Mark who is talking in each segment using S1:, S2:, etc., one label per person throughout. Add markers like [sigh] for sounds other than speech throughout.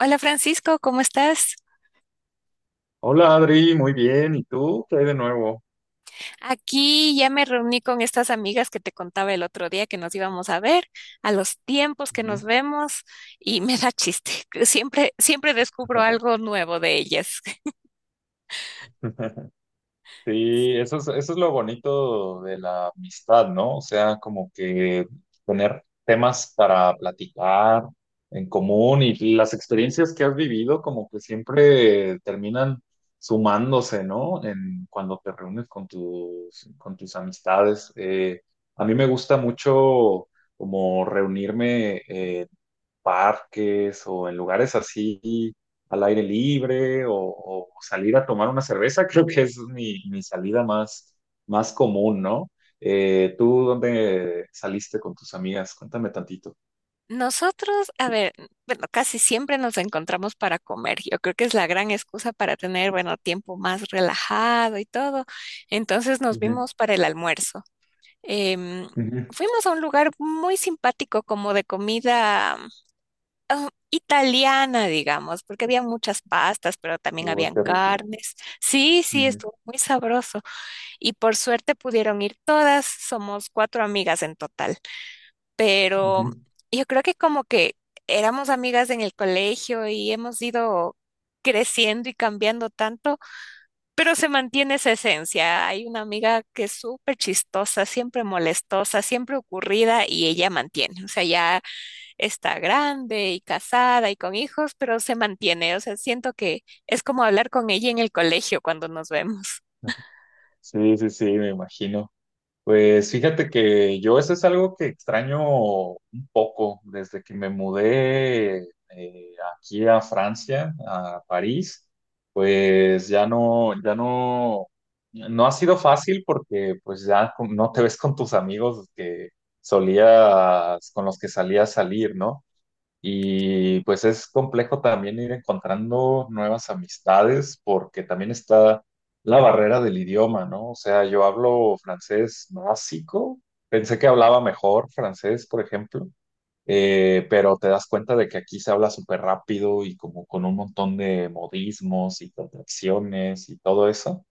S1: Hola Francisco, ¿cómo estás?
S2: Hola Adri, muy bien. ¿Y tú? ¿Qué hay de nuevo?
S1: Aquí ya me reuní con estas amigas que te contaba el otro día que nos íbamos a ver, a los tiempos que nos
S2: Ujú.
S1: vemos y me da chiste, [laughs] que siempre siempre descubro
S2: Ajá.
S1: algo nuevo de ellas. [laughs]
S2: [laughs] Sí, eso es lo bonito de la amistad, ¿no? O sea, como que tener temas para platicar en común y las experiencias que has vivido como que siempre terminan sumándose, ¿no? En cuando te reúnes con con tus amistades. A mí me gusta mucho como reunirme parques o en lugares así al aire libre o salir a tomar una cerveza, [laughs] creo que esa es mi salida más común, ¿no? ¿Tú dónde saliste con tus amigas? Cuéntame tantito.
S1: Nosotros, a ver, bueno, casi siempre nos encontramos para comer. Yo creo que es la gran excusa para tener, bueno, tiempo más relajado y todo. Entonces nos
S2: Ujú,
S1: vimos para el almuerzo. Em,
S2: ujú.
S1: fuimos a un lugar muy simpático como de comida italiana, digamos, porque había muchas pastas, pero también
S2: Uy,
S1: habían
S2: qué rico.
S1: carnes. Sí, sí,
S2: Ujú,
S1: estuvo muy sabroso. Y por suerte pudieron ir todas, somos cuatro amigas en total. Pero
S2: ujú.
S1: yo creo que como que éramos amigas en el colegio y hemos ido creciendo y cambiando tanto, pero se mantiene esa esencia. Hay una amiga que es súper chistosa, siempre molestosa, siempre ocurrida y ella mantiene. O sea, ya está grande y casada y con hijos, pero se mantiene. O sea, siento que es como hablar con ella en el colegio cuando nos vemos.
S2: Sí, me imagino. Pues fíjate que yo eso es algo que extraño un poco desde que me mudé aquí a Francia, a París, pues no ha sido fácil porque pues ya no te ves con tus amigos que solías, con los que salías a salir, ¿no? Y pues es complejo también ir encontrando nuevas amistades porque también está la barrera del idioma, ¿no? O sea, yo hablo francés básico, pensé que hablaba mejor francés, por ejemplo, pero te das cuenta de que aquí se habla súper rápido y como con un montón de modismos y contracciones y todo eso.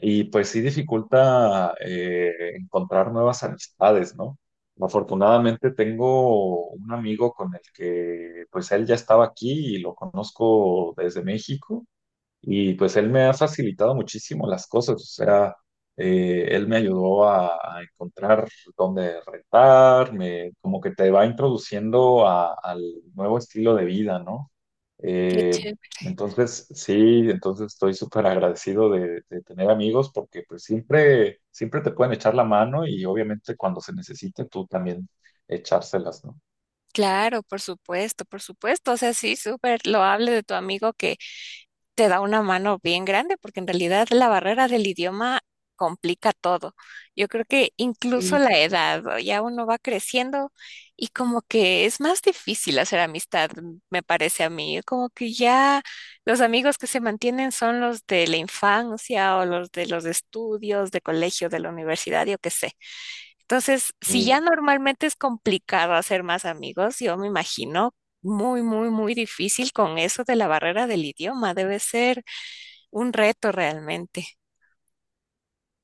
S2: Y pues sí dificulta encontrar nuevas amistades, ¿no? Afortunadamente tengo un amigo con el que pues él ya estaba aquí y lo conozco desde México y pues él me ha facilitado muchísimo las cosas, o sea, él me ayudó a encontrar dónde rentar, me, como que te va introduciendo al nuevo estilo de vida, ¿no?
S1: Qué
S2: Eh,
S1: chévere.
S2: entonces estoy súper agradecido de tener amigos porque pues siempre te pueden echar la mano y obviamente cuando se necesite tú también echárselas, ¿no?
S1: Claro, por supuesto, por supuesto. O sea, sí, súper loable de tu amigo que te da una mano bien grande, porque en realidad la barrera del idioma complica todo. Yo creo que incluso
S2: Sí,
S1: la edad, o ya uno va creciendo y como que es más difícil hacer amistad, me parece a mí. Como que ya los amigos que se mantienen son los de la infancia o los de los estudios, de colegio, de la universidad, yo qué sé. Entonces, si ya
S2: sí.
S1: normalmente es complicado hacer más amigos, yo me imagino muy, muy, muy difícil con eso de la barrera del idioma. Debe ser un reto realmente.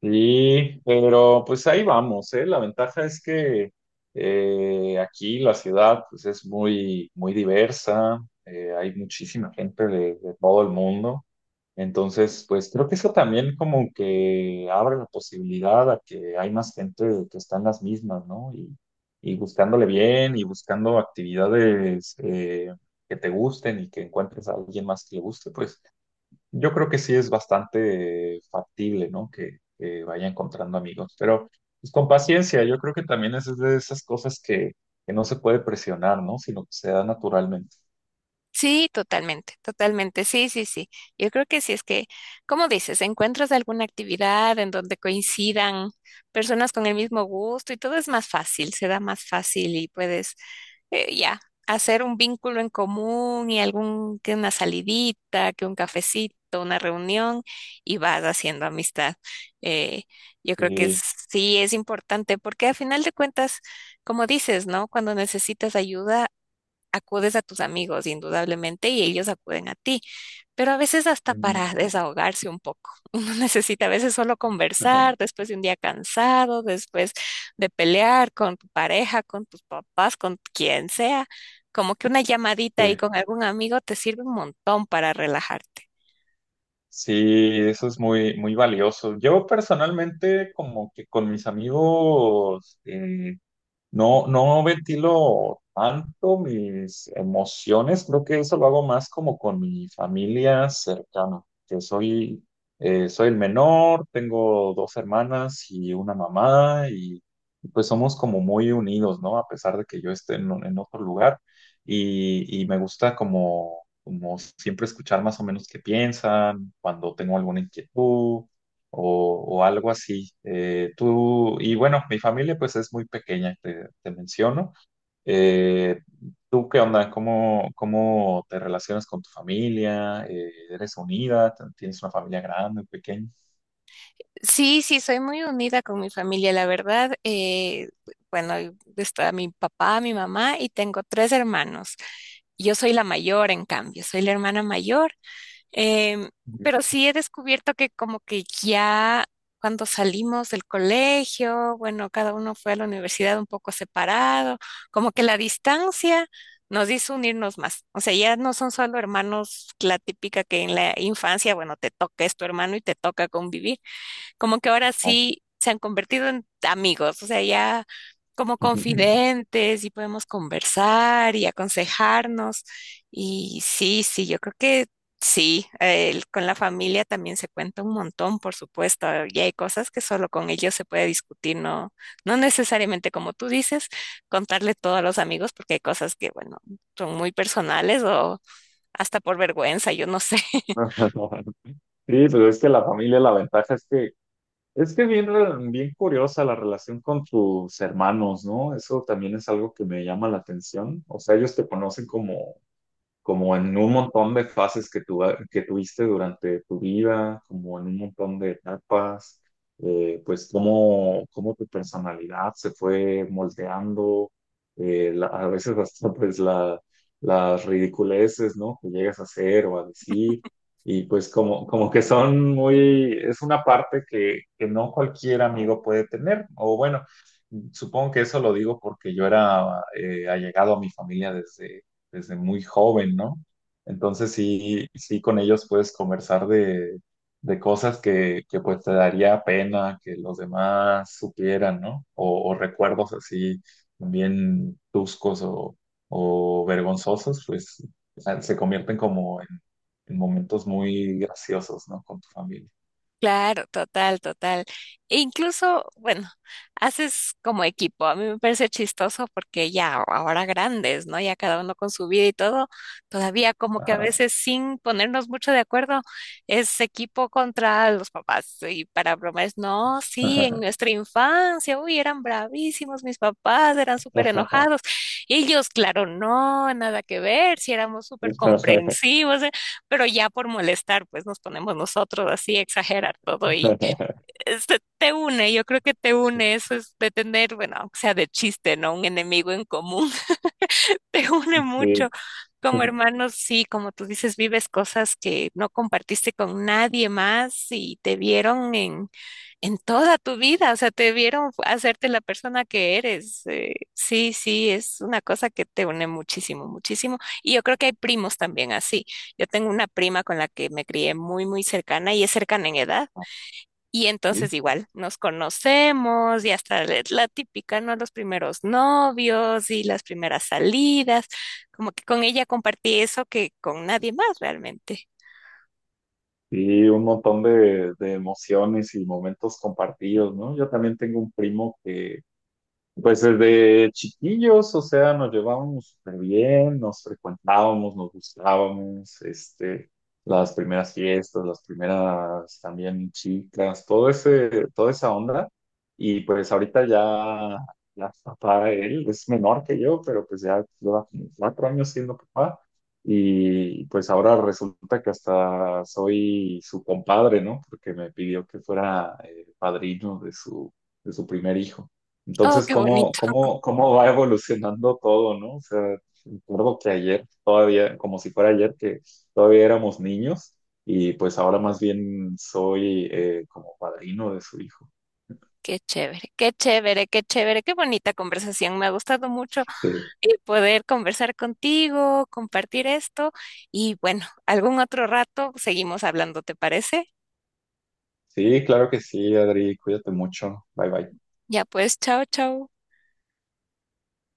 S2: Sí, pero pues ahí vamos, ¿eh? La ventaja es que aquí la ciudad pues es muy diversa, hay muchísima gente de todo el mundo, entonces pues creo que eso también como que abre la posibilidad a que hay más gente que está en las mismas, ¿no? Y buscándole bien y buscando actividades que te gusten y que encuentres a alguien más que le guste, pues. Yo creo que sí es bastante factible, ¿no? Que vaya encontrando amigos, pero pues, con paciencia, yo creo que también es de esas cosas que no se puede presionar, ¿no? Sino que se da naturalmente.
S1: Sí, totalmente, totalmente, sí, sí, sí. Yo creo que sí es que, como dices, encuentras alguna actividad en donde coincidan personas con el mismo gusto y todo es más fácil, se da más fácil y puedes ya, hacer un vínculo en común y algún, que una salidita, que un cafecito, una reunión y vas haciendo amistad. Eh, yo creo que
S2: Y,
S1: sí es importante porque al final de cuentas, como dices, ¿no? Cuando necesitas ayuda, acudes a tus amigos indudablemente y ellos acuden a ti. Pero a veces hasta
S2: mm,
S1: para desahogarse un poco. [laughs] Uno necesita a veces solo
S2: ajá,
S1: conversar después de un día cansado, después de pelear con tu pareja, con tus papás, con quien sea. Como que una llamadita ahí
S2: sí,
S1: con algún amigo te sirve un montón para relajarte.
S2: sí, eso es muy valioso. Yo personalmente, como que con mis amigos, no, no ventilo tanto mis emociones, creo que eso lo hago más como con mi familia cercana, que soy, soy el menor, tengo dos hermanas y una mamá y pues somos como muy unidos, ¿no? A pesar de que yo esté en otro lugar y me gusta como siempre escuchar más o menos qué piensan, cuando tengo alguna inquietud o algo así. Y bueno, mi familia pues es muy pequeña, te menciono. Eh, ¿Tú qué onda? Cómo te relacionas con tu familia? ¿Eres unida? ¿Tienes una familia grande, pequeña?
S1: Sí, sí, soy muy unida con mi familia, la verdad. Bueno, y está mi papá, mi mamá y tengo tres hermanos. Yo soy la mayor, en cambio, soy la hermana mayor. Em, pero sí he descubierto que como que ya cuando salimos del colegio, bueno, cada uno fue a la universidad un poco separado, como que la distancia nos hizo unirnos más. O sea, ya no son solo hermanos, la típica que en la infancia, bueno, te toca, es tu hermano y te toca convivir, como que ahora
S2: No.
S1: sí se han convertido en amigos, o sea, ya como
S2: [laughs]
S1: confidentes y podemos conversar y aconsejarnos. Y sí, sí, yo creo que sí, con la familia también se cuenta un montón, por supuesto, y hay cosas que solo con ellos se puede discutir, no, no necesariamente como tú dices, contarle todo a los amigos, porque hay cosas que, bueno, son muy personales o hasta por vergüenza, yo no sé. [laughs]
S2: Sí, pero es que la familia, la ventaja es que bien, bien curiosa la relación con tus hermanos, ¿no? Eso también es algo que me llama la atención. O sea, ellos te conocen como como en un montón de fases que tuviste durante tu vida, como en un montón de etapas, pues cómo tu personalidad se fue moldeando, a veces hasta [laughs] pues las ridiculeces, ¿no? Que llegas a hacer o a decir, y pues como, como que son muy, es una parte que no cualquier amigo puede tener, o bueno, supongo que eso lo digo porque yo era allegado a mi familia desde desde muy joven, ¿no? Entonces sí, sí con ellos puedes conversar de cosas que pues te daría pena que los demás supieran, ¿no? O recuerdos así bien tuscos o vergonzosos, pues se convierten como en momentos muy graciosos, ¿no? Con tu familia.
S1: Claro, total, total. E incluso, bueno, haces como equipo. A mí me parece chistoso porque ya ahora grandes, ¿no? Ya cada uno con su vida y todo, todavía como que a
S2: Ajá.
S1: veces sin ponernos mucho de acuerdo, es equipo contra los papás. Y para bromas, no, sí, en
S2: [laughs]
S1: nuestra infancia, uy, eran bravísimos mis papás, eran súper enojados. Ellos, claro, no, nada que ver, si éramos súper comprensivos. Pero ya por molestar, pues nos ponemos nosotros así a exagerar todo y este, te une, yo creo que te une eso es de tener, bueno, aunque sea de chiste, ¿no? Un enemigo en común, [laughs] te une mucho.
S2: Sí.
S1: Como hermanos, sí, como tú dices, vives cosas que no compartiste con nadie más y te vieron en toda tu vida, o sea, te vieron hacerte la persona que eres. Sí, sí, es una cosa que te une muchísimo, muchísimo. Y yo creo que hay primos también así. Yo tengo una prima con la que me crié muy, muy cercana y es cercana en edad. Y entonces
S2: Sí.
S1: igual nos conocemos y hasta la típica, ¿no? Los primeros novios y las primeras salidas, como que con ella compartí eso que con nadie más realmente.
S2: Y un montón de emociones y momentos compartidos, ¿no? Yo también tengo un primo pues desde chiquillos, o sea, nos llevábamos súper bien, nos frecuentábamos, nos gustábamos, este, las primeras fiestas, las primeras también chicas, toda esa onda. Y pues ya papá, él es menor que yo, pero pues ya lleva como 4 años siendo papá. Y pues ahora resulta que hasta soy su compadre, ¿no? Porque me pidió que fuera padrino de su primer hijo.
S1: Oh,
S2: Entonces,
S1: qué bonito,
S2: cómo va evolucionando todo, ¿no? O sea, recuerdo que ayer, todavía, como si fuera ayer, que todavía éramos niños y pues ahora más bien soy como padrino de su hijo.
S1: qué chévere, qué chévere, qué chévere, qué bonita conversación. Me ha gustado mucho
S2: Sí.
S1: y poder conversar contigo, compartir esto y bueno, algún otro rato seguimos hablando, ¿te parece?
S2: Sí, claro que sí, Adri, cuídate mucho. Bye bye.
S1: Ya pues, chao, chao.